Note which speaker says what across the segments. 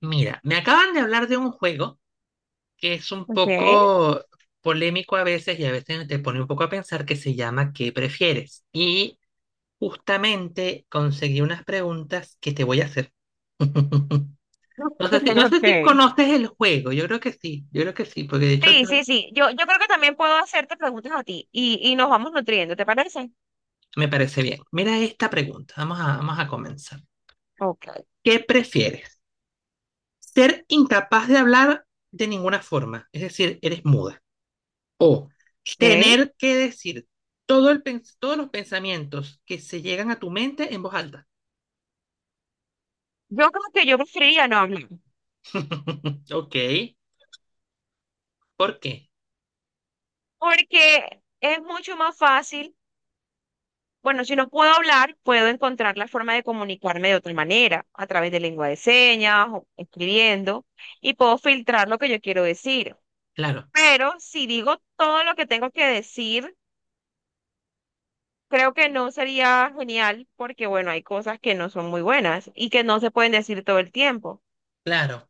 Speaker 1: Mira, me acaban de hablar de un juego que es un
Speaker 2: Okay.
Speaker 1: poco polémico a veces y a veces te pone un poco a pensar que se llama ¿Qué prefieres? Y justamente conseguí unas preguntas que te voy a hacer. No sé si,
Speaker 2: Okay,
Speaker 1: no sé si
Speaker 2: okay.
Speaker 1: conoces el juego, yo creo que sí, yo creo que sí, porque de hecho
Speaker 2: Sí,
Speaker 1: yo-
Speaker 2: sí, sí. Yo creo que también puedo hacerte preguntas a ti y nos vamos nutriendo, ¿te parece?
Speaker 1: Me parece bien. Mira esta pregunta, vamos a comenzar.
Speaker 2: Okay.
Speaker 1: ¿Qué prefieres? ¿Ser incapaz de hablar de ninguna forma? Es decir, eres muda. ¿O
Speaker 2: Okay.
Speaker 1: tener que decir todos los pensamientos que se llegan a tu mente en voz alta?
Speaker 2: Yo creo que yo preferiría no hablar,
Speaker 1: Ok, ¿por qué?
Speaker 2: porque es mucho más fácil. Bueno, si no puedo hablar, puedo encontrar la forma de comunicarme de otra manera, a través de lengua de señas o escribiendo, y puedo filtrar lo que yo quiero decir.
Speaker 1: Claro,
Speaker 2: Pero si digo todo lo que tengo que decir, creo que no sería genial porque, bueno, hay cosas que no son muy buenas y que no se pueden decir todo el tiempo.
Speaker 1: claro,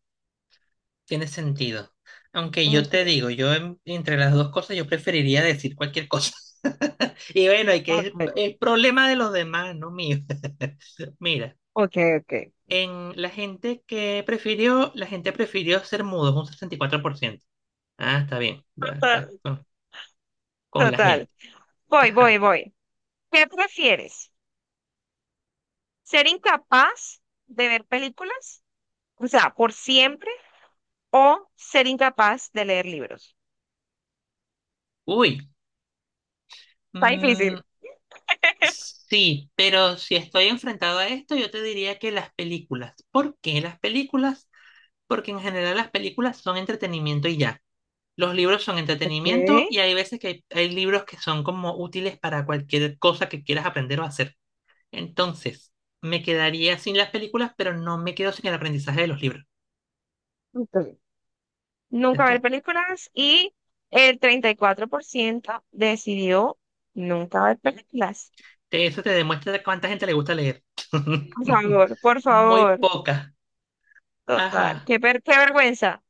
Speaker 1: tiene sentido. Aunque yo te
Speaker 2: Ujú.
Speaker 1: digo, entre las dos cosas yo preferiría decir cualquier cosa. Y bueno, hay que es
Speaker 2: Ok,
Speaker 1: el problema de los demás, no mío. Mira,
Speaker 2: ok, ok.
Speaker 1: en la gente que prefirió, la gente prefirió ser mudos, un 64%. Ah, está bien, va,
Speaker 2: Total,
Speaker 1: está con la
Speaker 2: total.
Speaker 1: gente.
Speaker 2: Voy, voy,
Speaker 1: Ajá.
Speaker 2: voy. ¿Qué prefieres? ¿Ser incapaz de ver películas? O sea, por siempre, o ser incapaz de leer libros.
Speaker 1: Uy.
Speaker 2: Está difícil.
Speaker 1: Mm, sí, pero si estoy enfrentado a esto, yo te diría que las películas. ¿Por qué las películas? Porque en general las películas son entretenimiento y ya. Los libros son entretenimiento
Speaker 2: Ok.
Speaker 1: y hay veces que hay libros que son como útiles para cualquier cosa que quieras aprender o hacer. Entonces, me quedaría sin las películas, pero no me quedo sin el aprendizaje de los libros.
Speaker 2: Ok. Nunca
Speaker 1: Eso
Speaker 2: ver películas y el 34% decidió nunca ver películas.
Speaker 1: eso te demuestra cuánta gente le gusta leer.
Speaker 2: Por favor, por
Speaker 1: Muy
Speaker 2: favor.
Speaker 1: poca.
Speaker 2: Total,
Speaker 1: Ajá.
Speaker 2: qué vergüenza.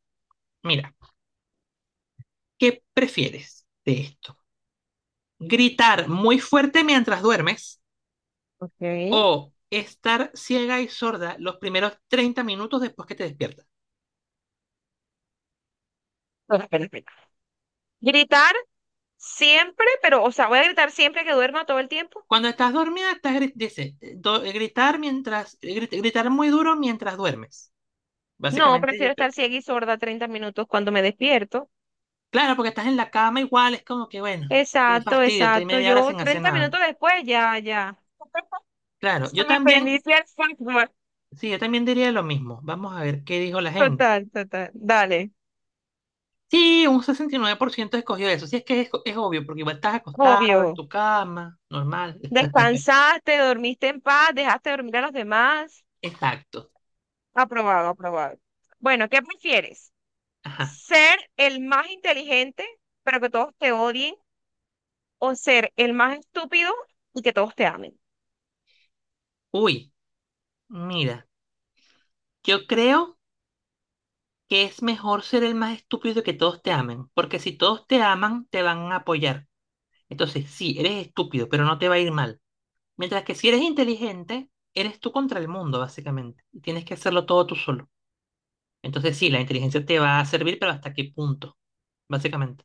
Speaker 1: Mira, ¿qué prefieres de esto? ¿Gritar muy fuerte mientras duermes
Speaker 2: Ok. Espera,
Speaker 1: o estar ciega y sorda los primeros 30 minutos después que te despiertas?
Speaker 2: espera, espera. Gritar siempre, pero, o sea, voy a gritar siempre que duerma todo el tiempo.
Speaker 1: Cuando estás dormida, estás dice, gritar mientras, gritar muy duro mientras duermes.
Speaker 2: No,
Speaker 1: Básicamente, yo
Speaker 2: prefiero
Speaker 1: creo
Speaker 2: estar
Speaker 1: que.
Speaker 2: ciega y sorda 30 minutos cuando me despierto.
Speaker 1: Claro, porque estás en la cama igual, es como que, bueno, qué
Speaker 2: Exacto,
Speaker 1: fastidio, estoy
Speaker 2: exacto.
Speaker 1: media hora
Speaker 2: Yo
Speaker 1: sin hacer
Speaker 2: 30
Speaker 1: nada.
Speaker 2: minutos después, ya, ya.
Speaker 1: Claro,
Speaker 2: Se
Speaker 1: yo
Speaker 2: me
Speaker 1: también,
Speaker 2: reinicia el software.
Speaker 1: sí, yo también diría lo mismo. Vamos a ver qué dijo la gente.
Speaker 2: Total, total. Dale.
Speaker 1: Sí, un 69% escogió eso. Sí, es que es obvio, porque igual estás acostado en
Speaker 2: Obvio.
Speaker 1: tu cama, normal.
Speaker 2: Descansaste, dormiste en paz, dejaste dormir a los demás.
Speaker 1: Exacto.
Speaker 2: Aprobado, aprobado. Bueno, ¿qué prefieres?
Speaker 1: Ajá.
Speaker 2: ¿Ser el más inteligente, pero que todos te odien? ¿O ser el más estúpido y que todos te amen?
Speaker 1: Uy, mira, yo creo que es mejor ser el más estúpido que todos te amen, porque si todos te aman, te van a apoyar. Entonces, sí, eres estúpido, pero no te va a ir mal. Mientras que si eres inteligente, eres tú contra el mundo, básicamente. Y tienes que hacerlo todo tú solo. Entonces, sí, la inteligencia te va a servir, pero ¿hasta qué punto? Básicamente.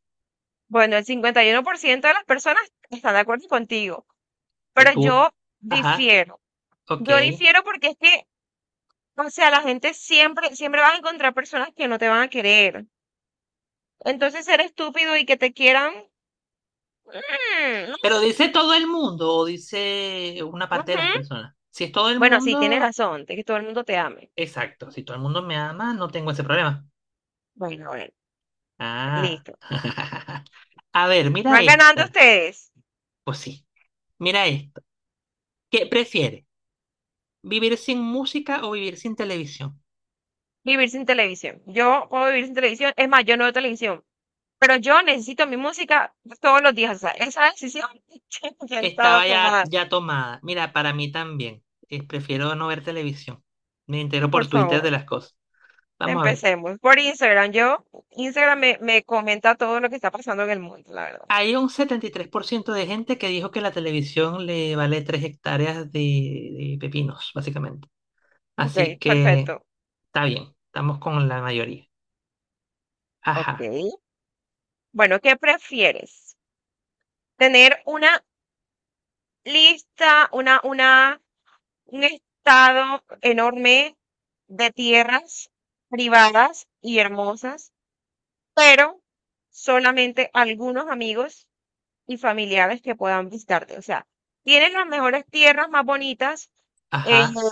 Speaker 2: Bueno, el 51% de las personas están de acuerdo contigo,
Speaker 1: De
Speaker 2: pero
Speaker 1: tú.
Speaker 2: yo
Speaker 1: Ajá,
Speaker 2: difiero.
Speaker 1: ok.
Speaker 2: Yo difiero porque es que, o sea, la gente siempre, siempre vas a encontrar personas que no te van a querer. Entonces, ser estúpido y que te quieran, no
Speaker 1: Pero
Speaker 2: sé.
Speaker 1: dice todo el mundo o dice una parte de
Speaker 2: Ujú.
Speaker 1: las personas. Si es todo el
Speaker 2: Bueno, sí, tienes
Speaker 1: mundo.
Speaker 2: razón, de que todo el mundo te ame.
Speaker 1: Exacto, si todo el mundo me ama, no tengo ese problema.
Speaker 2: Bueno, bueno,
Speaker 1: Ah.
Speaker 2: listo.
Speaker 1: A ver, mira
Speaker 2: Van ganando
Speaker 1: esta.
Speaker 2: ustedes.
Speaker 1: Pues sí, mira esto, ¿Qué prefieres? ¿Vivir sin música o vivir sin televisión?
Speaker 2: Vivir sin televisión. Yo puedo vivir sin televisión. Es más, yo no veo televisión. Pero yo necesito mi música todos los días. O sea, esa decisión ya estaba
Speaker 1: Estaba ya,
Speaker 2: tomada.
Speaker 1: ya tomada. Mira, para mí también. Prefiero no ver televisión. Me entero
Speaker 2: Por
Speaker 1: por Twitter de
Speaker 2: favor,
Speaker 1: las cosas. Vamos a ver.
Speaker 2: empecemos. Por Instagram. Instagram me comenta todo lo que está pasando en el mundo, la verdad.
Speaker 1: Hay un 73% de gente que dijo que la televisión le vale 3 hectáreas de pepinos, básicamente. Así
Speaker 2: Ok,
Speaker 1: que
Speaker 2: perfecto.
Speaker 1: está bien, estamos con la mayoría.
Speaker 2: Ok.
Speaker 1: Ajá.
Speaker 2: Bueno, ¿qué prefieres? ¿Tener una lista, una Un estado enorme de tierras privadas y hermosas, pero solamente algunos amigos y familiares que puedan visitarte? O sea, tienen las mejores tierras, más bonitas, eh,
Speaker 1: Ajá,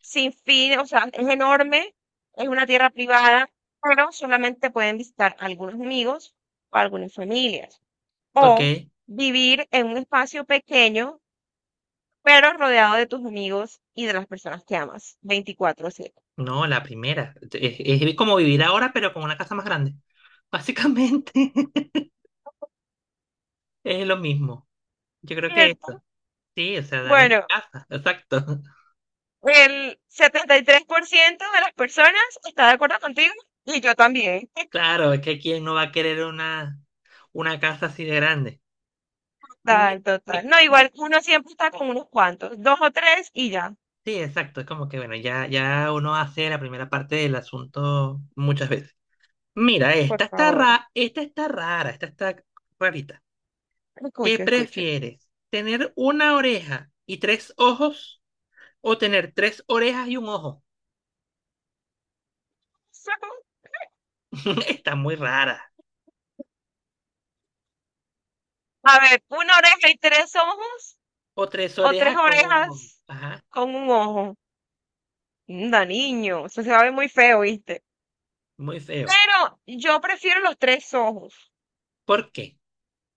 Speaker 2: sin fin, o sea, es enorme, es una tierra privada, pero solamente pueden visitar algunos amigos o algunas familias.
Speaker 1: ok.
Speaker 2: O vivir en un espacio pequeño pero rodeado de tus amigos y de las personas que amas. Veinticuatro, 7.
Speaker 1: No, la primera. Es como vivir ahora, pero con una casa más grande. Básicamente es lo mismo. Yo creo que
Speaker 2: ¿Cierto?
Speaker 1: eso. Sí, o sea, dame mi
Speaker 2: Bueno,
Speaker 1: casa. Exacto.
Speaker 2: el 73% de las personas está de acuerdo contigo y yo también.
Speaker 1: Claro, es que quién no va a querer una casa así de grande.
Speaker 2: Total,
Speaker 1: Mi-
Speaker 2: total.
Speaker 1: mi-
Speaker 2: No, igual
Speaker 1: mi-
Speaker 2: uno siempre está con unos cuantos, dos o tres y ya.
Speaker 1: sí, exacto. Es como que, bueno, ya uno hace la primera parte del asunto muchas veces. Mira,
Speaker 2: Por favor,
Speaker 1: esta está rara, esta está rarita. ¿Qué
Speaker 2: escucho, escucho.
Speaker 1: prefieres? ¿Tener una oreja y tres ojos o tener tres orejas y un ojo? Está muy rara.
Speaker 2: A ver, una oreja y tres ojos
Speaker 1: O tres
Speaker 2: o tres
Speaker 1: orejas con un ojo.
Speaker 2: orejas
Speaker 1: Ajá,
Speaker 2: con un ojo. Anda, niño, eso se va a ver muy feo, ¿viste?
Speaker 1: muy feo.
Speaker 2: Pero yo prefiero los tres ojos.
Speaker 1: ¿Por qué?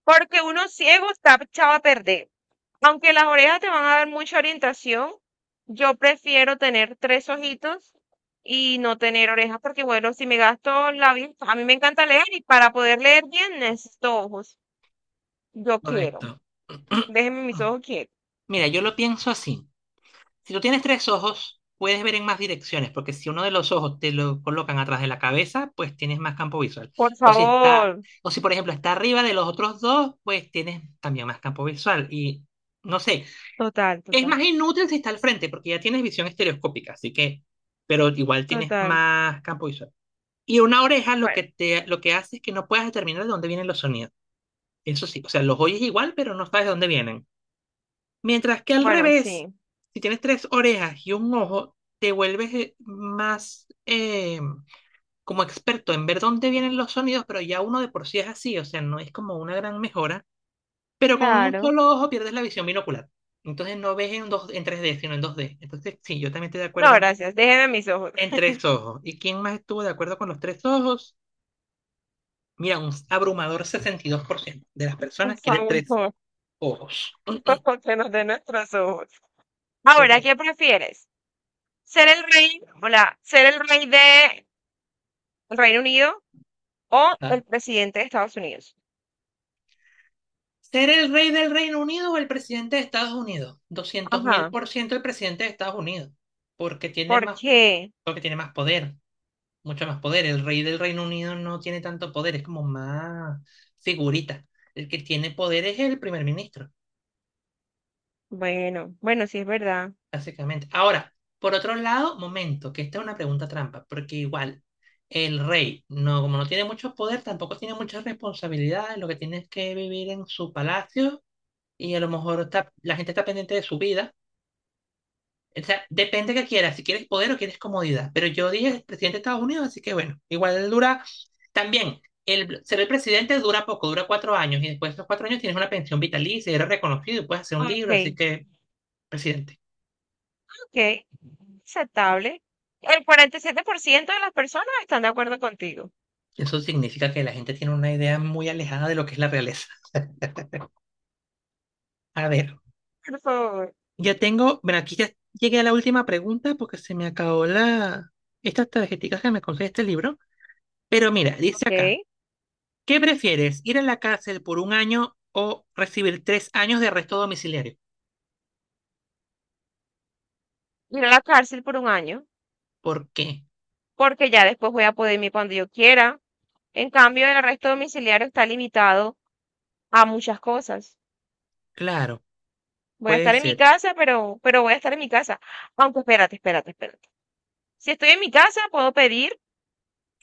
Speaker 2: Porque uno ciego está echado a perder. Aunque las orejas te van a dar mucha orientación, yo prefiero tener tres ojitos y no tener orejas, porque bueno, si me gasto la vista, a mí me encanta leer y para poder leer bien necesito ojos. Yo quiero.
Speaker 1: Correcto.
Speaker 2: Déjenme mis ojos quietos.
Speaker 1: Mira, yo lo pienso así. Si tú tienes tres ojos, puedes ver en más direcciones, porque si uno de los ojos te lo colocan atrás de la cabeza, pues tienes más campo visual.
Speaker 2: Por
Speaker 1: O si está,
Speaker 2: favor.
Speaker 1: o si por ejemplo está arriba de los otros dos, pues tienes también más campo visual. Y no sé.
Speaker 2: Total,
Speaker 1: Es
Speaker 2: total,
Speaker 1: más inútil si está al frente, porque ya tienes visión estereoscópica, así que, pero igual tienes
Speaker 2: total.
Speaker 1: más campo visual. Y una oreja lo que
Speaker 2: Bueno,
Speaker 1: te, lo que hace es que no puedas determinar de dónde vienen los sonidos. Eso sí, o sea, los oyes igual, pero no sabes de dónde vienen. Mientras que al
Speaker 2: bueno,
Speaker 1: revés,
Speaker 2: sí.
Speaker 1: si tienes tres orejas y un ojo, te vuelves más como experto en ver dónde vienen los sonidos, pero ya uno de por sí es así, o sea, no es como una gran mejora pero con un
Speaker 2: Claro.
Speaker 1: solo ojo pierdes la visión binocular. Entonces no ves en, dos, en 3D sino en 2D. Entonces, sí, yo también estoy de
Speaker 2: No,
Speaker 1: acuerdo en,
Speaker 2: gracias. Déjenme mis ojos.
Speaker 1: en tres ojos. ¿Y quién más estuvo de acuerdo con los tres ojos? Mira, un abrumador 62% de las
Speaker 2: Por
Speaker 1: personas quiere tres
Speaker 2: favor.
Speaker 1: ojos.
Speaker 2: Porque no de nuestros ojos. Ahora,
Speaker 1: Correcto.
Speaker 2: ¿qué prefieres? Ser el rey de el Reino Unido o el
Speaker 1: Ajá.
Speaker 2: presidente de Estados Unidos?
Speaker 1: ¿Ser el rey del Reino Unido o el presidente de Estados Unidos? doscientos mil
Speaker 2: Ajá.
Speaker 1: por ciento el presidente de Estados Unidos, porque tiene
Speaker 2: ¿Por
Speaker 1: más,
Speaker 2: qué?
Speaker 1: porque tiene más poder. Mucho más poder. El rey del Reino Unido no tiene tanto poder, es como más figurita. El que tiene poder es el primer ministro,
Speaker 2: Bueno, bueno, sí es verdad.
Speaker 1: básicamente. Ahora, por otro lado, momento, que esta es una pregunta trampa, porque igual el rey, no, como no tiene mucho poder, tampoco tiene muchas responsabilidades, lo que tiene es que vivir en su palacio y a lo mejor está, la gente está pendiente de su vida. O sea, depende que quieras, si quieres poder o quieres comodidad. Pero yo dije el presidente de Estados Unidos, así que bueno, igual dura también. El, ser el presidente dura poco, dura 4 años y después de esos 4 años tienes una pensión vitalicia, eres reconocido y puedes hacer un libro, así
Speaker 2: Ok,
Speaker 1: que presidente.
Speaker 2: ok, aceptable. El 47% de las personas están de acuerdo contigo.
Speaker 1: Eso significa que la gente tiene una idea muy alejada de lo que es la realeza. A ver,
Speaker 2: Por favor.
Speaker 1: ya tengo, bueno, aquí ya llegué a la última pregunta porque se me acabó estas tarjeticas que me conseguí este libro. Pero mira, dice acá,
Speaker 2: Ok.
Speaker 1: ¿Qué prefieres? ¿Ir a la cárcel por un año o recibir 3 años de arresto domiciliario?
Speaker 2: Ir a la cárcel por un año,
Speaker 1: ¿Por qué?
Speaker 2: porque ya después voy a poder irme cuando yo quiera. En cambio, el arresto domiciliario está limitado a muchas cosas.
Speaker 1: Claro,
Speaker 2: Voy a
Speaker 1: puede
Speaker 2: estar en mi
Speaker 1: ser
Speaker 2: casa, pero voy a estar en mi casa. Aunque espérate, espérate, espérate. Si estoy en mi casa, puedo pedir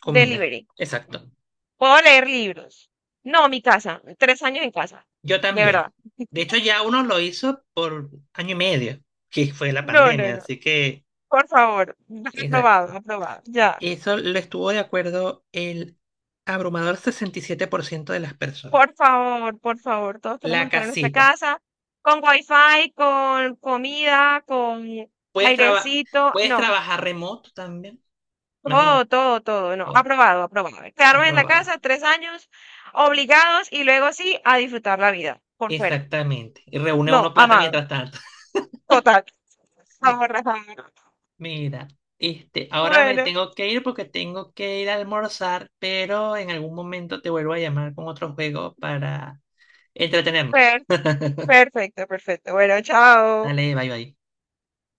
Speaker 1: comida.
Speaker 2: delivery.
Speaker 1: Exacto.
Speaker 2: Puedo leer libros. No, mi casa. 3 años en casa.
Speaker 1: Yo
Speaker 2: De
Speaker 1: también.
Speaker 2: verdad.
Speaker 1: De hecho, ya uno lo hizo por año y medio, que fue la
Speaker 2: No, no,
Speaker 1: pandemia,
Speaker 2: no.
Speaker 1: así que.
Speaker 2: Por favor.
Speaker 1: Exacto.
Speaker 2: Aprobado, aprobado. Ya.
Speaker 1: Eso lo estuvo de acuerdo el abrumador 67% de las personas.
Speaker 2: Por favor, por favor. Todos queremos
Speaker 1: La
Speaker 2: estar en nuestra
Speaker 1: casita.
Speaker 2: casa. Con wifi, con comida, con
Speaker 1: Puedes, traba-
Speaker 2: airecito.
Speaker 1: Puedes
Speaker 2: No.
Speaker 1: trabajar remoto también.
Speaker 2: Todo,
Speaker 1: Imagínate.
Speaker 2: todo, todo. No.
Speaker 1: Todo.
Speaker 2: Aprobado, aprobado. Quedarme en la
Speaker 1: Aprobado.
Speaker 2: casa 3 años obligados y luego sí a disfrutar la vida por fuera.
Speaker 1: Exactamente. Y reúne
Speaker 2: No,
Speaker 1: uno plata
Speaker 2: amado.
Speaker 1: mientras tanto.
Speaker 2: Total. Por favor, Rafael.
Speaker 1: Mira, ahora me
Speaker 2: Bueno,
Speaker 1: tengo que ir porque tengo que ir a almorzar, pero en algún momento te vuelvo a llamar con otro juego para entretenernos.
Speaker 2: per- perfecto, perfecto. Bueno, chao.
Speaker 1: Dale, bye bye.